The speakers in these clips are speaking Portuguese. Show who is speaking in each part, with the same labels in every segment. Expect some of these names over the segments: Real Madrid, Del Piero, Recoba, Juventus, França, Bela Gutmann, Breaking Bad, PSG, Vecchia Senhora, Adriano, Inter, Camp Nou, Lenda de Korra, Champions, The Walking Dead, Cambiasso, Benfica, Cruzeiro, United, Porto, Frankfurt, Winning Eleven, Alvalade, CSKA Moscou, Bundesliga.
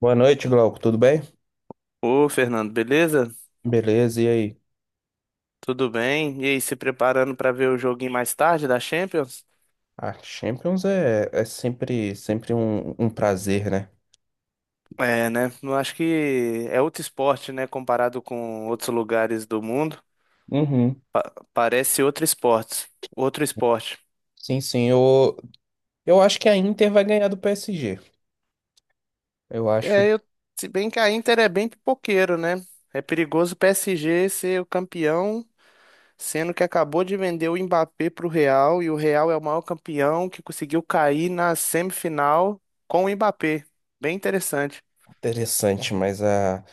Speaker 1: Boa noite, Glauco. Tudo bem?
Speaker 2: Ô, Fernando, beleza?
Speaker 1: Beleza, e aí?
Speaker 2: Tudo bem? E aí, se preparando para ver o joguinho mais tarde da Champions?
Speaker 1: A Champions é sempre um prazer, né?
Speaker 2: É, né? Eu acho que é outro esporte, né? Comparado com outros lugares do mundo,
Speaker 1: Uhum.
Speaker 2: parece outro esporte. Outro esporte.
Speaker 1: Sim, sim. Eu acho que a Inter vai ganhar do PSG. Eu acho
Speaker 2: É, se bem que a Inter é bem pipoqueiro, né? É perigoso o PSG ser o campeão, sendo que acabou de vender o Mbappé pro Real e o Real é o maior campeão que conseguiu cair na semifinal com o Mbappé. Bem interessante.
Speaker 1: interessante, mas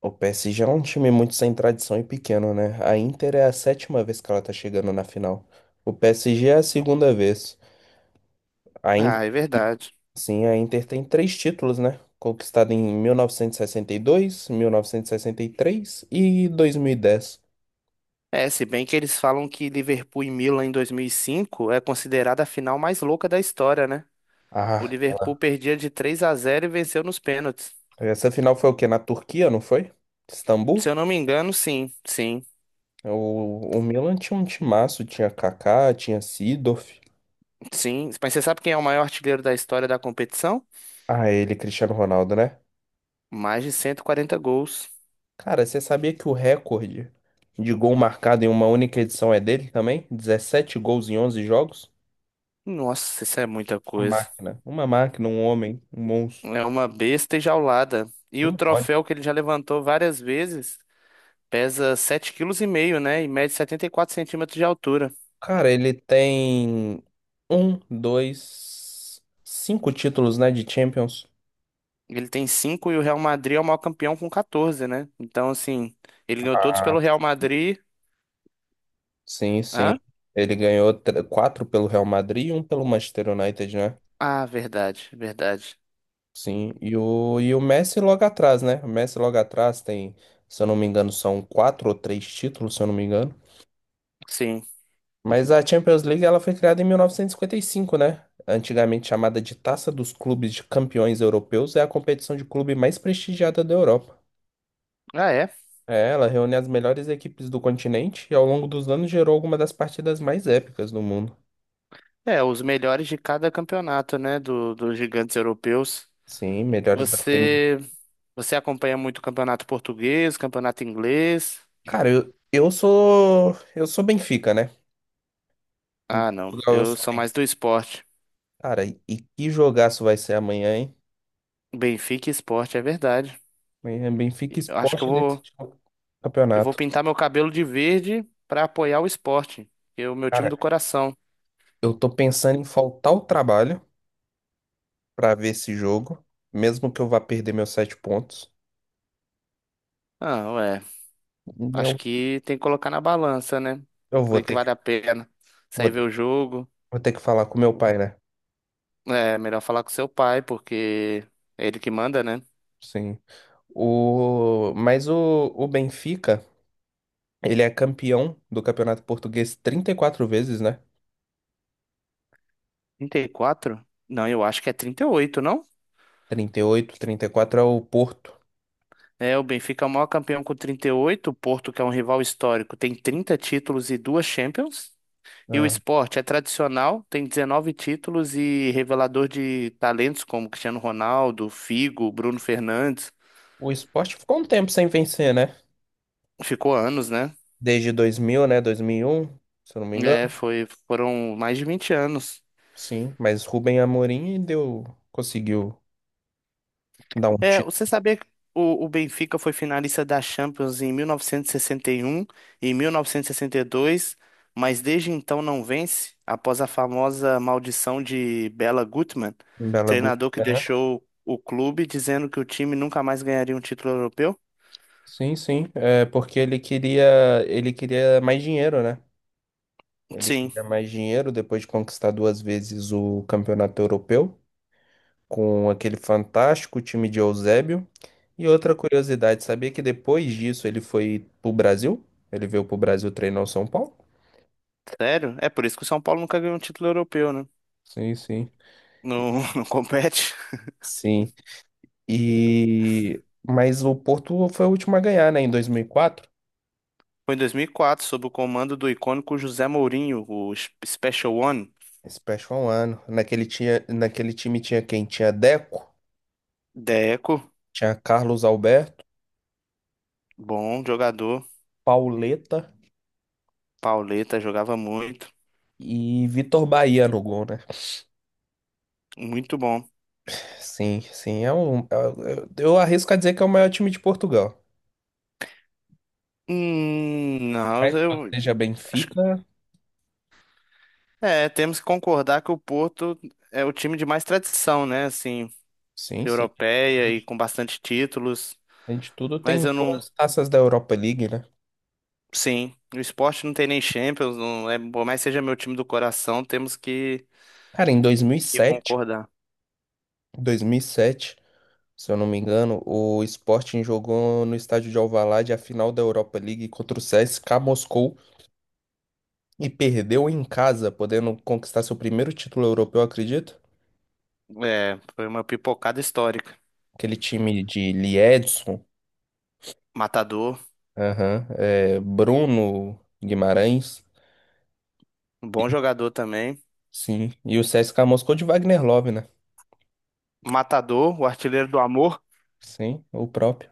Speaker 1: o PSG é um time muito sem tradição e pequeno, né? A Inter é a sétima vez que ela tá chegando na final. O PSG é a segunda vez. A
Speaker 2: Ah, é
Speaker 1: Inter,
Speaker 2: verdade.
Speaker 1: sim, a Inter tem três títulos, né? Conquistado em mil novecentos e sessenta e sessenta e três e dois mil novecentos três dez.
Speaker 2: É, se bem que eles falam que Liverpool e Milan em 2005 é considerada a final mais louca da história, né? O
Speaker 1: Ah,
Speaker 2: Liverpool perdia de 3-0 e venceu nos pênaltis.
Speaker 1: essa final foi o quê? Na Turquia, não foi?
Speaker 2: Se
Speaker 1: Istambul?
Speaker 2: eu não me engano, sim, sim,
Speaker 1: O Milan tinha um timaço, tinha Kaká, tinha Seedorf.
Speaker 2: sim. Mas você sabe quem é o maior artilheiro da história da competição?
Speaker 1: Ah, ele, Cristiano Ronaldo, né?
Speaker 2: Mais de 140 gols.
Speaker 1: Cara, você sabia que o recorde de gol marcado em uma única edição é dele também? 17 gols em 11 jogos?
Speaker 2: Nossa, isso é muita
Speaker 1: Uma
Speaker 2: coisa.
Speaker 1: máquina. Uma máquina, um homem, um monstro.
Speaker 2: É uma besta enjaulada. E o
Speaker 1: Como pode?
Speaker 2: troféu que ele já levantou várias vezes pesa 7,5 kg, né? E mede 74 centímetros de altura.
Speaker 1: Cara, ele tem um, dois, cinco títulos, né, de Champions.
Speaker 2: Ele tem cinco e o Real Madrid é o maior campeão com 14, né? Então, assim, ele ganhou todos pelo Real Madrid.
Speaker 1: Sim, sim.
Speaker 2: Hã?
Speaker 1: Ele ganhou quatro pelo Real Madrid e um pelo Manchester United, né?
Speaker 2: Ah, verdade, verdade.
Speaker 1: Sim. E o Messi logo atrás, né? O Messi logo atrás tem, se eu não me engano, são quatro ou três títulos, se eu não me engano.
Speaker 2: Sim.
Speaker 1: Mas a Champions League ela foi criada em 1955, né? Antigamente chamada de Taça dos Clubes de Campeões Europeus, é a competição de clube mais prestigiada da Europa.
Speaker 2: Ah, é.
Speaker 1: É, ela reúne as melhores equipes do continente e ao longo dos anos gerou algumas das partidas mais épicas do mundo.
Speaker 2: É, os melhores de cada campeonato, né? Dos gigantes europeus.
Speaker 1: Sim, melhores da.
Speaker 2: Você, você acompanha muito o campeonato português, campeonato inglês?
Speaker 1: Cara, eu sou. Eu sou Benfica, né? Em
Speaker 2: Ah, não.
Speaker 1: Portugal eu
Speaker 2: Eu
Speaker 1: sou
Speaker 2: sou mais
Speaker 1: Benfica.
Speaker 2: do esporte.
Speaker 1: Cara, e que jogaço vai ser amanhã, hein?
Speaker 2: Benfica e esporte, é verdade.
Speaker 1: Amanhã é Benfica
Speaker 2: Eu acho que
Speaker 1: Sport desse
Speaker 2: eu vou
Speaker 1: campeonato.
Speaker 2: pintar meu cabelo de verde pra apoiar o esporte, que é o meu time
Speaker 1: Cara,
Speaker 2: do coração.
Speaker 1: eu tô pensando em faltar o trabalho pra ver esse jogo, mesmo que eu vá perder meus sete pontos.
Speaker 2: Ah, ué. Acho
Speaker 1: Eu,
Speaker 2: que tem que colocar na balança, né? O
Speaker 1: eu
Speaker 2: que que vale a pena?
Speaker 1: vou
Speaker 2: Sair ver
Speaker 1: ter,
Speaker 2: o jogo.
Speaker 1: vou ter que falar com meu pai, né?
Speaker 2: É melhor falar com seu pai, porque é ele que manda, né?
Speaker 1: Sim. Mas o Benfica, ele é campeão do Campeonato Português 34 vezes, né?
Speaker 2: 34? Não, eu acho que é 38, não?
Speaker 1: Trinta e oito, 34 é o Porto.
Speaker 2: É, o Benfica é o maior campeão com 38, o Porto, que é um rival histórico, tem 30 títulos e duas Champions. E o Sport é tradicional, tem 19 títulos e revelador de talentos como Cristiano Ronaldo, Figo, Bruno Fernandes.
Speaker 1: O esporte ficou um tempo sem vencer, né?
Speaker 2: Ficou anos, né?
Speaker 1: Desde 2000, né? 2001, se eu não me engano.
Speaker 2: É, foram mais de 20 anos.
Speaker 1: Sim, mas Rubem Amorim deu, conseguiu dar um
Speaker 2: É,
Speaker 1: título
Speaker 2: você sabia que o Benfica foi finalista da Champions em 1961 e 1962, mas desde então não vence, após a famosa maldição de Bela Gutmann,
Speaker 1: em Belo Horizonte,
Speaker 2: treinador que
Speaker 1: né?
Speaker 2: deixou o clube dizendo que o time nunca mais ganharia um título europeu?
Speaker 1: Sim, sim, é porque ele queria mais dinheiro, né? Ele
Speaker 2: Sim,
Speaker 1: queria mais dinheiro depois de conquistar duas vezes o campeonato europeu com aquele fantástico time de Eusébio. E outra curiosidade, sabia que depois disso ele foi pro Brasil? Ele veio pro Brasil treinar o São Paulo?
Speaker 2: sério? É por isso que o São Paulo nunca ganhou um título europeu, né?
Speaker 1: Sim, sim.
Speaker 2: Não, não compete.
Speaker 1: Sim. E mas o Porto foi o último a ganhar, né, em 2004.
Speaker 2: Foi em 2004, sob o comando do icônico José Mourinho, o Special One.
Speaker 1: Esse peste foi um ano. Naquele tinha, naquele time tinha quem? Tinha Deco,
Speaker 2: Deco,
Speaker 1: tinha Carlos Alberto,
Speaker 2: bom jogador.
Speaker 1: Pauleta
Speaker 2: Pauleta jogava muito,
Speaker 1: e Vitor Bahia no gol, né?
Speaker 2: muito bom.
Speaker 1: Sim, sim, é um eu arrisco a dizer que é o maior time de Portugal.
Speaker 2: Não,
Speaker 1: Mas que eu
Speaker 2: eu
Speaker 1: seja
Speaker 2: acho que
Speaker 1: Benfica,
Speaker 2: é, temos que concordar que o Porto é o time de mais tradição, né? Assim,
Speaker 1: sim, sim.
Speaker 2: europeia e com bastante títulos.
Speaker 1: Além de tudo,
Speaker 2: Mas
Speaker 1: tem
Speaker 2: eu não,
Speaker 1: duas taças da Europa League, né?
Speaker 2: sim, o esporte não tem nem Champions, não é, por mais que seja meu time do coração, temos que,
Speaker 1: Cara, em
Speaker 2: que concordar.
Speaker 1: 2007, se eu não me engano, o Sporting jogou no estádio de Alvalade a final da Europa League contra o CSKA Moscou e perdeu em casa, podendo conquistar seu primeiro título europeu, acredito.
Speaker 2: É, foi uma pipocada histórica.
Speaker 1: Aquele time de Liedson,
Speaker 2: Matador,
Speaker 1: aham, é, Bruno Guimarães,
Speaker 2: um bom jogador também.
Speaker 1: sim, e o CSKA Moscou de Wagner Love, né?
Speaker 2: Matador, o artilheiro do amor.
Speaker 1: Sim, o próprio.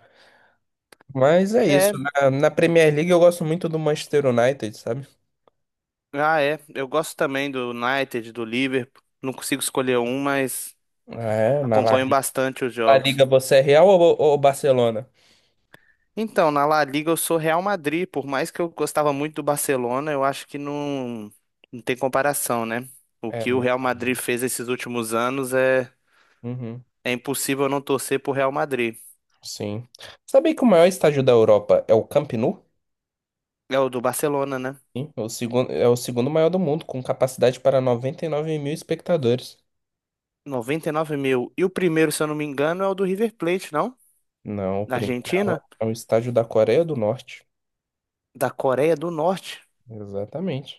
Speaker 1: Mas é isso,
Speaker 2: É.
Speaker 1: na Premier League eu gosto muito do Manchester United, sabe?
Speaker 2: Ah, é. Eu gosto também do United, do Liverpool. Não consigo escolher um, mas
Speaker 1: É, na La
Speaker 2: acompanho
Speaker 1: Liga,
Speaker 2: bastante os
Speaker 1: La
Speaker 2: jogos.
Speaker 1: Liga você é Real ou Barcelona?
Speaker 2: Então, na La Liga eu sou Real Madrid. Por mais que eu gostava muito do Barcelona, eu acho que não, não tem comparação, né? O
Speaker 1: É
Speaker 2: que o
Speaker 1: muito.
Speaker 2: Real Madrid fez esses últimos anos é,
Speaker 1: Uhum.
Speaker 2: é impossível eu não torcer pro Real Madrid.
Speaker 1: Sim. Sabia que o maior estádio da Europa é o Camp Nou?
Speaker 2: É o do Barcelona, né?
Speaker 1: Sim, é o segundo maior do mundo, com capacidade para 99 mil espectadores.
Speaker 2: 99 mil. E o primeiro, se eu não me engano, é o do River Plate, não?
Speaker 1: Não, o
Speaker 2: Da
Speaker 1: primeiro é o,
Speaker 2: Argentina?
Speaker 1: é o estádio da Coreia do Norte.
Speaker 2: Da Coreia do Norte?
Speaker 1: Exatamente.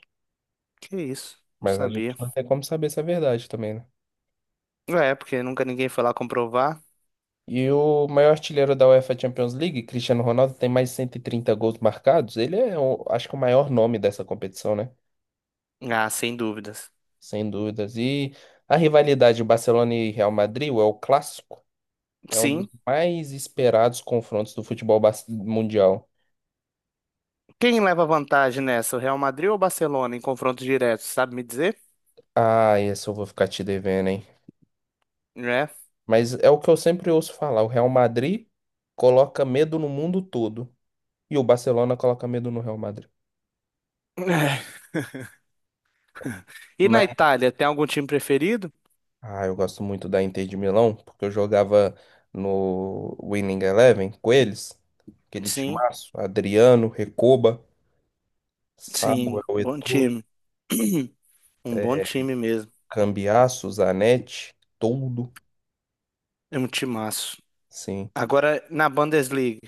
Speaker 2: Que isso? Não
Speaker 1: Mas a gente
Speaker 2: sabia.
Speaker 1: não tem como saber se é verdade também, né?
Speaker 2: É, porque nunca ninguém foi lá comprovar.
Speaker 1: E o maior artilheiro da UEFA Champions League, Cristiano Ronaldo, tem mais de 130 gols marcados. Ele é, acho que, o maior nome dessa competição, né?
Speaker 2: Ah, sem dúvidas.
Speaker 1: Sem dúvidas. E a rivalidade Barcelona e Real Madrid é o clássico. É um dos
Speaker 2: Sim.
Speaker 1: mais esperados confrontos do futebol mundial.
Speaker 2: Quem leva vantagem nessa? O Real Madrid ou o Barcelona em confronto direto, sabe me dizer?
Speaker 1: Ah, esse eu vou ficar te devendo, hein?
Speaker 2: É.
Speaker 1: Mas é o que eu sempre ouço falar: o Real Madrid coloca medo no mundo todo. E o Barcelona coloca medo no Real Madrid.
Speaker 2: E na
Speaker 1: Mas,
Speaker 2: Itália, tem algum time preferido?
Speaker 1: ah, eu gosto muito da Inter de Milão, porque eu jogava no Winning Eleven com eles. Aquele
Speaker 2: Sim,
Speaker 1: timaço: Adriano, Recoba, Samuel
Speaker 2: sim, bom
Speaker 1: Eto'o,
Speaker 2: time. Um bom
Speaker 1: é,
Speaker 2: time mesmo.
Speaker 1: Cambiasso, Zanetti, todo.
Speaker 2: É um timaço.
Speaker 1: Sim.
Speaker 2: Agora, na Bundesliga,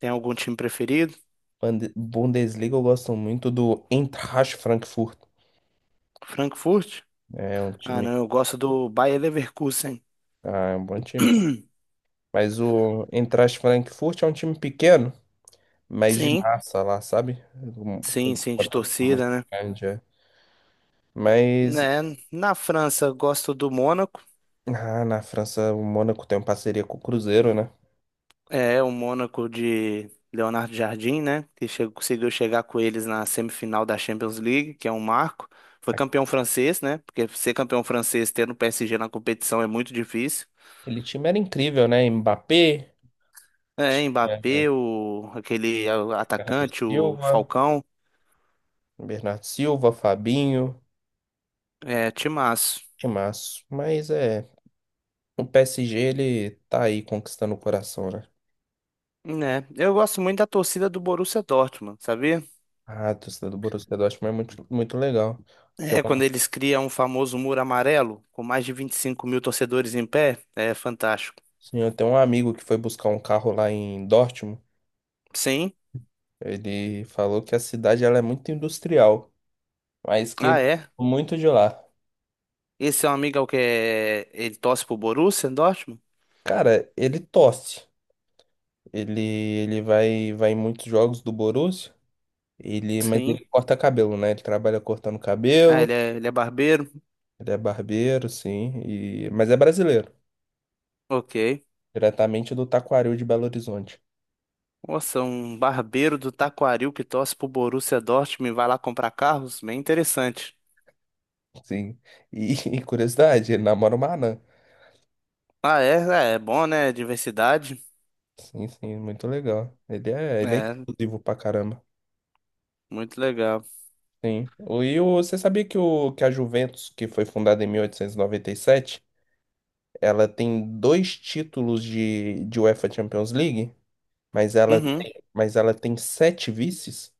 Speaker 2: tem algum time preferido?
Speaker 1: Bundesliga eu gosto muito do Eintracht Frankfurt.
Speaker 2: Frankfurt?
Speaker 1: É um
Speaker 2: Ah,
Speaker 1: time,
Speaker 2: não, eu gosto do Bayer Leverkusen.
Speaker 1: é um bom time, tá? Mas o Eintracht Frankfurt é um time pequeno, mas de
Speaker 2: Sim,
Speaker 1: massa lá, sabe? Com
Speaker 2: sim, sim,
Speaker 1: uma
Speaker 2: de
Speaker 1: torcida muito
Speaker 2: torcida, né?
Speaker 1: grande, é. Mas
Speaker 2: Né? Na França, eu gosto do Mônaco.
Speaker 1: na França o Mônaco tem uma parceria com o Cruzeiro, né?
Speaker 2: É, o Mônaco de Leonardo Jardim, né? Que chegou, conseguiu chegar com eles na semifinal da Champions League, que é um marco. Foi campeão francês, né? Porque ser campeão francês tendo o PSG na competição é muito difícil.
Speaker 1: Aquele time era incrível, né? Mbappé,
Speaker 2: É,
Speaker 1: tinha
Speaker 2: Mbappé, o, aquele é, o
Speaker 1: Bernardo
Speaker 2: atacante, o
Speaker 1: Silva,
Speaker 2: Falcão,
Speaker 1: Bernardo Silva, Fabinho,
Speaker 2: é, timaço.
Speaker 1: que mas é, o PSG ele tá aí conquistando o coração, né?
Speaker 2: Né? Eu gosto muito da torcida do Borussia Dortmund, sabia?
Speaker 1: Ah, torcida do Borussia Dortmund é muito, muito legal. Tem
Speaker 2: É, quando
Speaker 1: um,
Speaker 2: eles criam um famoso muro amarelo, com mais de 25 mil torcedores em pé, é fantástico.
Speaker 1: sim, eu tenho um amigo que foi buscar um carro lá em Dortmund.
Speaker 2: Sim.
Speaker 1: Ele falou que a cidade ela é muito industrial, mas que ele
Speaker 2: Ah, é.
Speaker 1: gosta muito de lá.
Speaker 2: Esse é um amigo é o que é... Ele torce pro Borussia Dortmund?
Speaker 1: Cara, ele torce. Ele vai em muitos jogos do Borussia. Mas
Speaker 2: Sim.
Speaker 1: ele corta cabelo, né? Ele trabalha cortando
Speaker 2: Ah,
Speaker 1: cabelo.
Speaker 2: ele é barbeiro?
Speaker 1: Ele é barbeiro, sim. Mas é brasileiro,
Speaker 2: Ok.
Speaker 1: diretamente do Taquaril de Belo Horizonte.
Speaker 2: Nossa, um barbeiro do Taquaril que torce pro Borussia Dortmund e vai lá comprar carros? Bem interessante.
Speaker 1: Sim. E, e curiosidade, ele namora uma anã.
Speaker 2: Ah, é? É, é bom, né? Diversidade.
Speaker 1: Sim, sim, muito legal. Ele é
Speaker 2: É,
Speaker 1: inclusivo pra caramba.
Speaker 2: muito legal.
Speaker 1: Sim. Você sabia que a Juventus, que foi fundada em 1897, ela tem dois títulos de UEFA Champions League, mas ela,
Speaker 2: Uhum.
Speaker 1: tem- mas ela tem sete vices?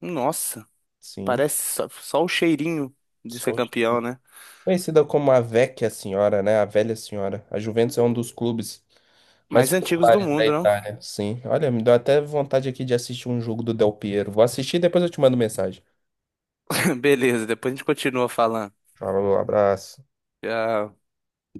Speaker 2: Nossa,
Speaker 1: Sim.
Speaker 2: parece só o cheirinho de
Speaker 1: Só
Speaker 2: ser
Speaker 1: os-
Speaker 2: campeão, né?
Speaker 1: Conhecida como a Vecchia Senhora, né? A Velha Senhora. A Juventus é um dos clubes mais
Speaker 2: Mais antigos do
Speaker 1: populares da
Speaker 2: mundo, não?
Speaker 1: Itália, sim. Olha, me deu até vontade aqui de assistir um jogo do Del Piero. Vou assistir e depois eu te mando mensagem.
Speaker 2: Beleza, depois a gente continua falando.
Speaker 1: Falou, abraço.
Speaker 2: Tchau.